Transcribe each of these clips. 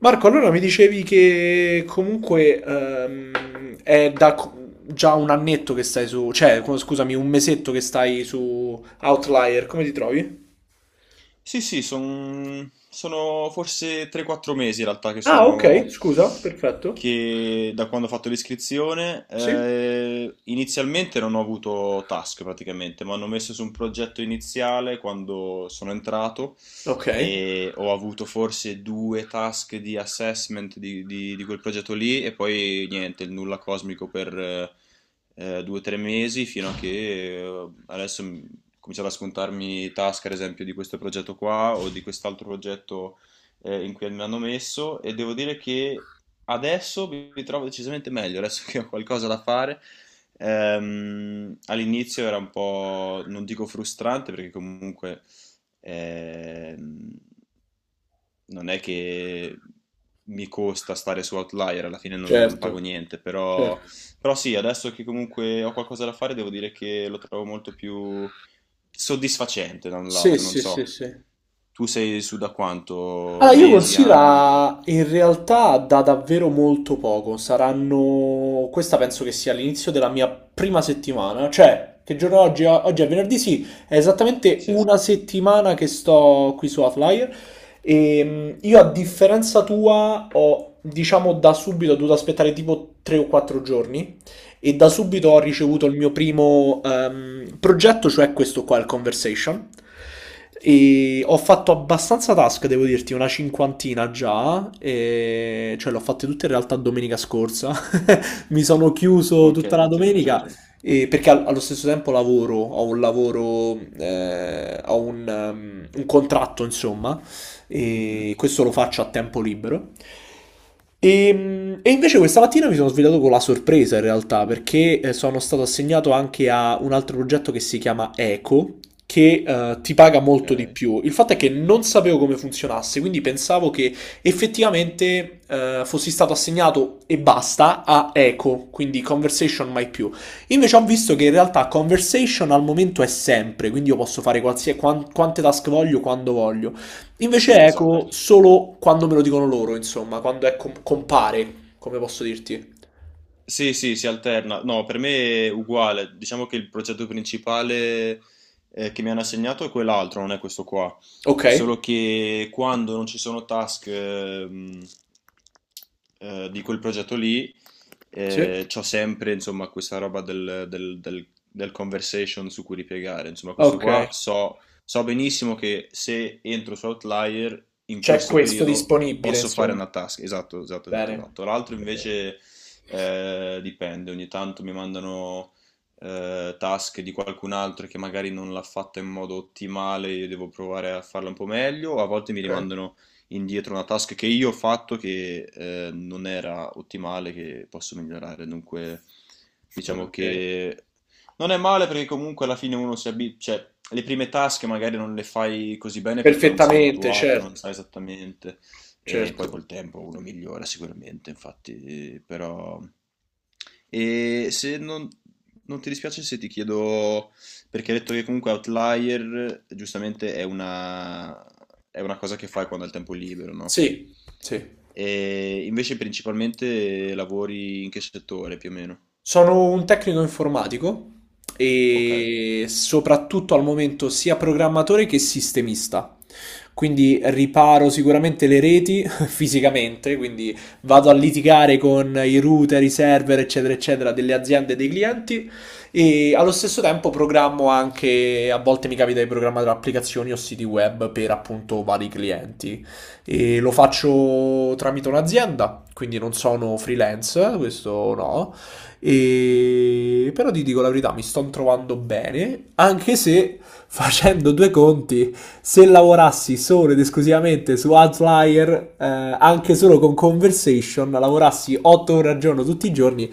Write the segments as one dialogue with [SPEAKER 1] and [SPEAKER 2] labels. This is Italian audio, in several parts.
[SPEAKER 1] Marco, allora mi dicevi che comunque è da già un annetto che stai su, cioè, scusami, un mesetto che stai su Outlier, come ti trovi?
[SPEAKER 2] Sono forse 3-4 mesi in realtà
[SPEAKER 1] Ah, ok, scusa, perfetto.
[SPEAKER 2] che da quando ho fatto l'iscrizione.
[SPEAKER 1] Sì?
[SPEAKER 2] Inizialmente non ho avuto task praticamente, mi hanno messo su un progetto iniziale quando sono entrato
[SPEAKER 1] Ok,
[SPEAKER 2] e ho avuto forse due task di assessment di quel progetto lì e poi niente, il nulla cosmico per 2 o 3 mesi fino a che adesso ho cominciato a scontarmi task ad esempio di questo progetto qua o di quest'altro progetto in cui mi hanno messo, e devo dire che adesso mi trovo decisamente meglio, adesso che ho qualcosa da fare. All'inizio era un po', non dico frustrante, perché comunque ehm, non è che mi costa stare su Outlier, alla fine non
[SPEAKER 1] certo,
[SPEAKER 2] pago niente, però,
[SPEAKER 1] certo.
[SPEAKER 2] però sì, adesso che comunque ho qualcosa da fare, devo dire che lo trovo molto più soddisfacente da un
[SPEAKER 1] Sì,
[SPEAKER 2] lato, non
[SPEAKER 1] sì, sì,
[SPEAKER 2] so.
[SPEAKER 1] sì.
[SPEAKER 2] Tu sei su da quanto?
[SPEAKER 1] Allora, io
[SPEAKER 2] Mesi, anni?
[SPEAKER 1] considero in realtà da davvero molto poco. Saranno. Questa penso che sia l'inizio della mia prima settimana. Cioè, che giorno è oggi? Oggi è venerdì, sì, è esattamente
[SPEAKER 2] Sì,
[SPEAKER 1] una settimana che sto qui su Outlier. E io, a differenza tua, ho, diciamo, da subito dovuto aspettare tipo 3 o 4 giorni e da subito ho
[SPEAKER 2] ok.
[SPEAKER 1] ricevuto il mio primo progetto, cioè questo qua, il Conversation. E ho fatto abbastanza task, devo dirti, una cinquantina già, cioè l'ho fatte tutte in realtà domenica scorsa. Mi sono chiuso tutta
[SPEAKER 2] Ok,
[SPEAKER 1] la
[SPEAKER 2] tutto in un
[SPEAKER 1] domenica
[SPEAKER 2] giorno.
[SPEAKER 1] perché allo stesso tempo lavoro, ho un contratto, insomma,
[SPEAKER 2] Mhm.
[SPEAKER 1] e questo lo faccio a tempo libero. E invece questa mattina mi sono svegliato con la sorpresa in realtà, perché sono stato assegnato anche a un altro progetto che si chiama Eco, che ti paga molto di
[SPEAKER 2] Ok.
[SPEAKER 1] più. Il fatto è che non sapevo come funzionasse, quindi pensavo che effettivamente fossi stato assegnato e basta a Eco, quindi Conversation mai più. Invece ho visto che in realtà Conversation al momento è sempre, quindi io posso fare qualsiasi, quante task voglio, quando voglio. Invece
[SPEAKER 2] Sì,
[SPEAKER 1] Eco
[SPEAKER 2] esatto.
[SPEAKER 1] solo quando me lo dicono loro, insomma, quando è compare, come posso dirti.
[SPEAKER 2] Sì, sì, si alterna. No, per me è uguale. Diciamo che il progetto principale che mi hanno assegnato è quell'altro, non è questo qua.
[SPEAKER 1] Ok?
[SPEAKER 2] Solo che quando non ci sono task di quel progetto lì,
[SPEAKER 1] Sì.
[SPEAKER 2] c'ho sempre, insomma, questa roba del conversation su cui ripiegare. Insomma, questo
[SPEAKER 1] Ok.
[SPEAKER 2] qua so, so benissimo che se entro su Outlier in
[SPEAKER 1] C'è
[SPEAKER 2] questo
[SPEAKER 1] questo
[SPEAKER 2] periodo
[SPEAKER 1] disponibile,
[SPEAKER 2] posso fare
[SPEAKER 1] insomma.
[SPEAKER 2] una task. Esatto, esatto, esatto,
[SPEAKER 1] Bene.
[SPEAKER 2] esatto. L'altro invece dipende, ogni tanto mi mandano task di qualcun altro che magari non l'ha fatta in modo ottimale, io devo provare a farla un po' meglio, a volte mi
[SPEAKER 1] Ok.
[SPEAKER 2] rimandano indietro una task che io ho fatto che non era ottimale, che posso migliorare, dunque diciamo
[SPEAKER 1] Ok.
[SPEAKER 2] che non è male perché comunque alla fine uno si abitua, cioè le prime task magari non le fai così bene perché non sei
[SPEAKER 1] Perfettamente,
[SPEAKER 2] abituato, non
[SPEAKER 1] certo.
[SPEAKER 2] sai esattamente, e poi
[SPEAKER 1] Certo.
[SPEAKER 2] col tempo uno migliora sicuramente, infatti, però... E se non ti dispiace se ti chiedo, perché hai detto che comunque Outlier giustamente è una cosa che fai quando hai il tempo libero, no?
[SPEAKER 1] Sì, sì.
[SPEAKER 2] E invece principalmente lavori in che settore più o meno?
[SPEAKER 1] Sono un tecnico informatico
[SPEAKER 2] Ok.
[SPEAKER 1] e soprattutto al momento sia programmatore che sistemista. Quindi riparo sicuramente le reti fisicamente, quindi vado a
[SPEAKER 2] Mhm.
[SPEAKER 1] litigare con i router, i server, eccetera, eccetera, delle aziende e dei clienti e allo stesso tempo programmo anche, a volte mi capita di programmare applicazioni o siti web per appunto vari clienti e lo faccio tramite un'azienda, quindi non sono freelance, questo no, però ti dico la verità, mi sto trovando bene, anche se facendo due conti, se lavorassi solo ed esclusivamente su Outlier, anche solo con Conversation, lavorassi 8 ore al giorno tutti i giorni,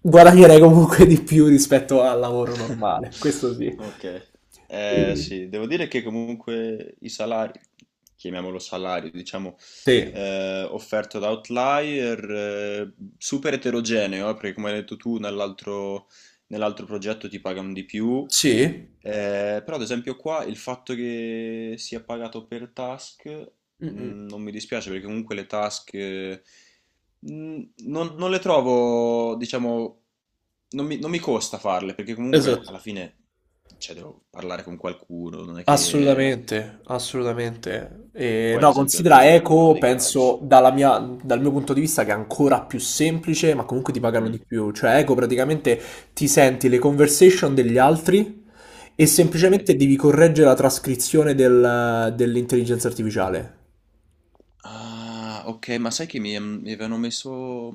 [SPEAKER 1] guadagnerei comunque di più rispetto al lavoro normale. Questo sì.
[SPEAKER 2] Ok,
[SPEAKER 1] E-
[SPEAKER 2] sì, devo dire che comunque i salari, chiamiamolo salario, diciamo,
[SPEAKER 1] Sì.
[SPEAKER 2] offerto da Outlier, super eterogeneo, perché come hai detto tu, nell'altro progetto ti pagano di più,
[SPEAKER 1] Sì?
[SPEAKER 2] però ad esempio qua il fatto che sia pagato per task.
[SPEAKER 1] Mm-mm.
[SPEAKER 2] Non mi dispiace perché comunque le task non le trovo, diciamo, non mi costa farle perché comunque alla
[SPEAKER 1] Esatto.
[SPEAKER 2] fine, cioè, devo parlare con qualcuno, non è che...
[SPEAKER 1] Assolutamente, assolutamente. E
[SPEAKER 2] Poi ad
[SPEAKER 1] no,
[SPEAKER 2] esempio l'altro
[SPEAKER 1] considera
[SPEAKER 2] giorno parlavo
[SPEAKER 1] Eco,
[SPEAKER 2] di calcio.
[SPEAKER 1] penso dal mio punto di vista che è ancora più semplice, ma comunque ti pagano
[SPEAKER 2] Mm,
[SPEAKER 1] di più. Cioè, Eco praticamente ti senti le conversation degli altri e
[SPEAKER 2] ok.
[SPEAKER 1] semplicemente devi correggere la trascrizione dell'intelligenza artificiale.
[SPEAKER 2] Ah, ok, ma sai che mi avevano messo...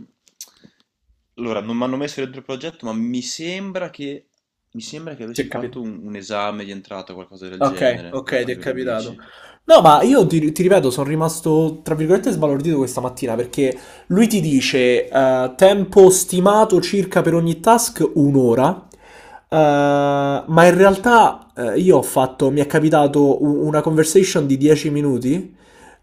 [SPEAKER 2] Allora, non mi hanno messo dentro il progetto, ma mi sembra che avessi
[SPEAKER 1] Sì, capito.
[SPEAKER 2] fatto un esame di entrata o qualcosa del
[SPEAKER 1] Okay,
[SPEAKER 2] genere, ora
[SPEAKER 1] okay, ti
[SPEAKER 2] che
[SPEAKER 1] è
[SPEAKER 2] me lo
[SPEAKER 1] capitato.
[SPEAKER 2] dici.
[SPEAKER 1] No, ma io ti ripeto, sono rimasto tra virgolette sbalordito questa mattina perché lui ti dice tempo stimato circa per ogni task un'ora, ma in
[SPEAKER 2] Sì.
[SPEAKER 1] realtà io ho fatto, mi è capitato una conversation di 10 minuti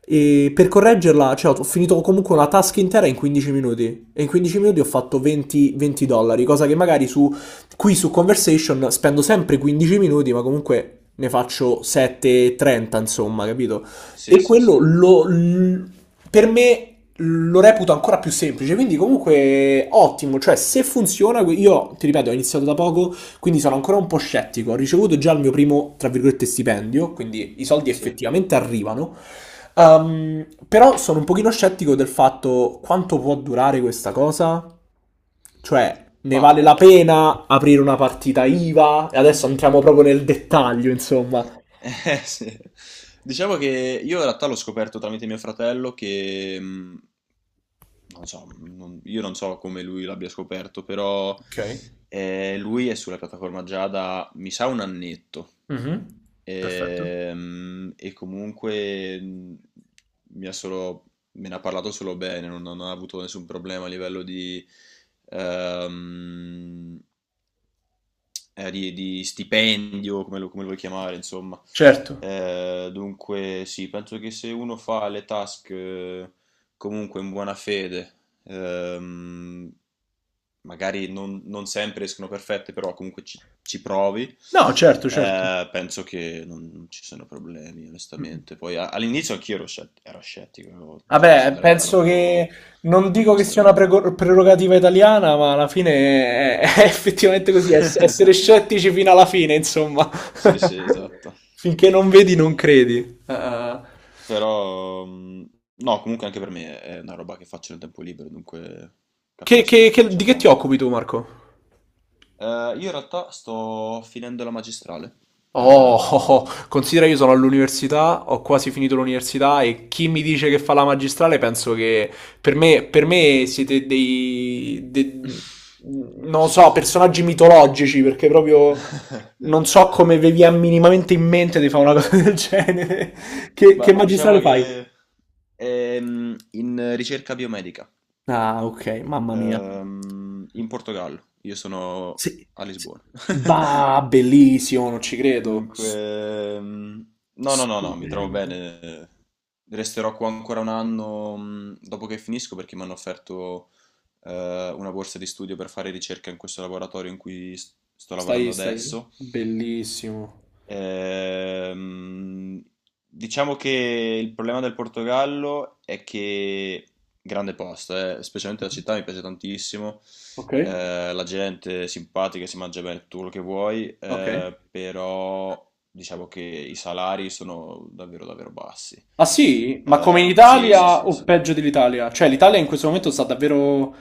[SPEAKER 1] e per correggerla, cioè ho finito comunque una task intera in 15 minuti e in 15 minuti ho fatto 20 20 dollari, cosa che magari su qui su Conversation spendo sempre 15 minuti, ma comunque ne faccio 7,30, insomma, capito?
[SPEAKER 2] Sì,
[SPEAKER 1] E
[SPEAKER 2] sì,
[SPEAKER 1] quello
[SPEAKER 2] sì,
[SPEAKER 1] per me lo reputo ancora più semplice, quindi comunque ottimo, cioè se funziona, io ti ripeto, ho iniziato da poco, quindi sono ancora un po' scettico, ho ricevuto già il mio primo, tra virgolette, stipendio, quindi i soldi
[SPEAKER 2] sì.
[SPEAKER 1] effettivamente arrivano. Però sono un pochino scettico del fatto quanto può durare questa cosa. Cioè, ne
[SPEAKER 2] Bah,
[SPEAKER 1] vale la pena aprire una partita IVA? E adesso entriamo proprio nel dettaglio, insomma.
[SPEAKER 2] sì. Diciamo che io in realtà l'ho scoperto tramite mio fratello che, non so, io non so come lui l'abbia scoperto, però
[SPEAKER 1] Ok.
[SPEAKER 2] lui è sulla piattaforma già da, mi sa, un annetto.
[SPEAKER 1] Mhm. Perfetto.
[SPEAKER 2] E, comunque mi ha solo, me ne ha parlato solo bene, non ha avuto nessun problema a livello di... ehm, di stipendio, come lo vuoi chiamare, insomma.
[SPEAKER 1] Certo.
[SPEAKER 2] Dunque, sì, penso che se uno fa le task comunque in buona fede, ehm, magari non sempre escono perfette, però comunque ci provi.
[SPEAKER 1] No, certo, certo.
[SPEAKER 2] Penso che non ci siano problemi,
[SPEAKER 1] Mm.
[SPEAKER 2] onestamente. Poi a- all'inizio anch'io ero, ero scettico, cioè mi
[SPEAKER 1] Vabbè,
[SPEAKER 2] sembrava
[SPEAKER 1] penso che
[SPEAKER 2] troppo,
[SPEAKER 1] non dico
[SPEAKER 2] troppo
[SPEAKER 1] che sia una
[SPEAKER 2] strano.
[SPEAKER 1] prerogativa italiana, ma alla fine è, è effettivamente così, essere scettici fino alla fine, insomma.
[SPEAKER 2] Sì, sì, esatto.
[SPEAKER 1] Finché non vedi, non credi. Eh.
[SPEAKER 2] Però, no, comunque anche per me è una roba che faccio nel tempo libero, dunque capisco,
[SPEAKER 1] Di che ti
[SPEAKER 2] diciamo.
[SPEAKER 1] occupi tu, Marco?
[SPEAKER 2] Io in realtà sto finendo la magistrale.
[SPEAKER 1] Oh, oh, oh,
[SPEAKER 2] Ehm,
[SPEAKER 1] considera io sono all'università, ho quasi finito l'università e chi mi dice che fa la magistrale penso che per me siete dei non so, personaggi mitologici perché proprio non so come vi è minimamente in mente di fare una cosa del genere. Che
[SPEAKER 2] Ma
[SPEAKER 1] magistrale
[SPEAKER 2] diciamo
[SPEAKER 1] fai?
[SPEAKER 2] che in ricerca biomedica,
[SPEAKER 1] Ah, ok, mamma mia.
[SPEAKER 2] in Portogallo. Io sono
[SPEAKER 1] Sì,
[SPEAKER 2] a
[SPEAKER 1] sì.
[SPEAKER 2] Lisbona.
[SPEAKER 1] Bah, bellissimo, non ci credo.
[SPEAKER 2] Dunque, no, no, no, no, mi trovo
[SPEAKER 1] Stupendo.
[SPEAKER 2] bene. Resterò qua ancora un anno, dopo che finisco, perché mi hanno offerto una borsa di studio per fare ricerca in questo laboratorio in cui sto lavorando
[SPEAKER 1] Stai,
[SPEAKER 2] adesso.
[SPEAKER 1] bellissimo.
[SPEAKER 2] Ehm, diciamo che il problema del Portogallo è che, grande posto, specialmente la città mi piace tantissimo.
[SPEAKER 1] Ok,
[SPEAKER 2] La gente è simpatica, si mangia bene tutto quello che vuoi,
[SPEAKER 1] ok.
[SPEAKER 2] però diciamo che i salari sono davvero davvero bassi.
[SPEAKER 1] Ah sì? Ma come in
[SPEAKER 2] Sì, sì,
[SPEAKER 1] Italia
[SPEAKER 2] sì,
[SPEAKER 1] o
[SPEAKER 2] sì.
[SPEAKER 1] peggio dell'Italia? Cioè l'Italia in questo momento sta davvero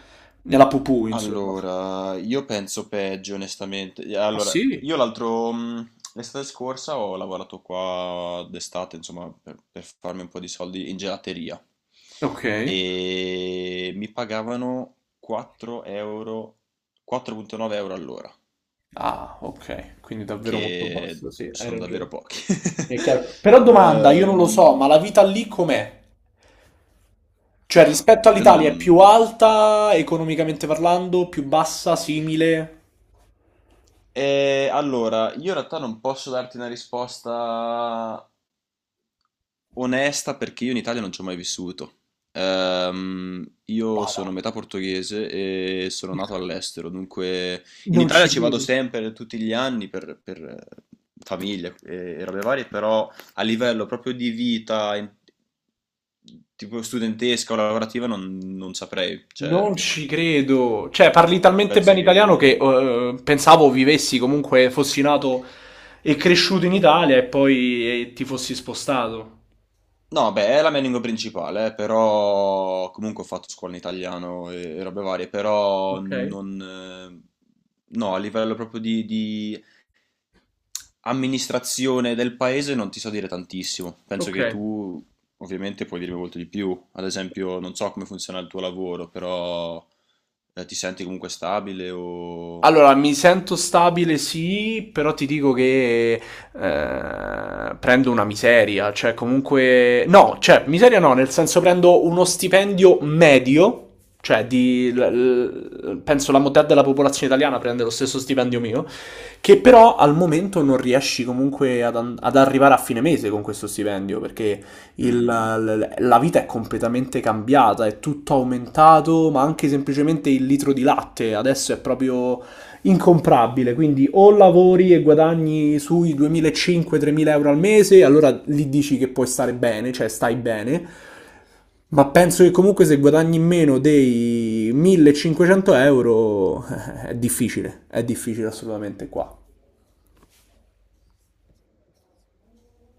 [SPEAKER 1] nella pupù, insomma.
[SPEAKER 2] Allora, io penso peggio, onestamente.
[SPEAKER 1] Ah
[SPEAKER 2] Allora,
[SPEAKER 1] sì?
[SPEAKER 2] io l'estate scorsa ho lavorato qua d'estate, insomma, per, farmi un po' di soldi in gelateria,
[SPEAKER 1] Ok.
[SPEAKER 2] e mi pagavano 4 euro, 4,9 € all'ora,
[SPEAKER 1] Ah, ok. Quindi davvero molto
[SPEAKER 2] che
[SPEAKER 1] basso, sì, hai
[SPEAKER 2] sono davvero
[SPEAKER 1] ragione.
[SPEAKER 2] pochi.
[SPEAKER 1] È chiaro. Però domanda, io non lo
[SPEAKER 2] Ehm,
[SPEAKER 1] so, ma la vita lì com'è? Cioè
[SPEAKER 2] ah,
[SPEAKER 1] rispetto
[SPEAKER 2] io non...
[SPEAKER 1] all'Italia è più alta economicamente parlando, più bassa, simile?
[SPEAKER 2] Allora, io in realtà non posso darti una risposta onesta perché io in Italia non ci ho mai vissuto. Io
[SPEAKER 1] Vada.
[SPEAKER 2] sono metà portoghese e sono nato all'estero, dunque in
[SPEAKER 1] Non
[SPEAKER 2] Italia
[SPEAKER 1] ci
[SPEAKER 2] ci vado
[SPEAKER 1] credi?
[SPEAKER 2] sempre tutti gli anni per famiglia e robe varie, però a livello proprio di vita, in- tipo studentesca o lavorativa, non saprei. Cioè,
[SPEAKER 1] Non ci credo. Cioè, parli talmente
[SPEAKER 2] penso
[SPEAKER 1] bene italiano
[SPEAKER 2] che...
[SPEAKER 1] che pensavo vivessi comunque, fossi nato e cresciuto in Italia e poi ti fossi spostato.
[SPEAKER 2] No, beh, è la mia lingua principale, però comunque ho fatto scuola in italiano e robe varie, però
[SPEAKER 1] Ok,
[SPEAKER 2] non... No, a livello proprio di, amministrazione del paese non ti so dire tantissimo. Penso
[SPEAKER 1] ok.
[SPEAKER 2] che tu ovviamente puoi dirmi molto di più. Ad esempio, non so come funziona il tuo lavoro, però ti senti comunque stabile o...
[SPEAKER 1] Allora, mi sento stabile, sì, però ti dico che prendo una miseria, cioè comunque... No, cioè miseria no, nel senso prendo uno stipendio medio, cioè penso la metà della popolazione italiana prende lo stesso stipendio mio, che però al momento non riesci comunque ad arrivare a fine mese con questo stipendio, perché
[SPEAKER 2] Mhm.
[SPEAKER 1] la vita è completamente cambiata, è tutto aumentato, ma anche semplicemente il litro di latte adesso è proprio incomprabile, quindi o lavori e guadagni sui 2.500-3.000 euro al mese, allora lì dici che puoi stare bene, cioè stai bene, ma penso che comunque se guadagni meno dei 1.500 euro è difficile assolutamente qua.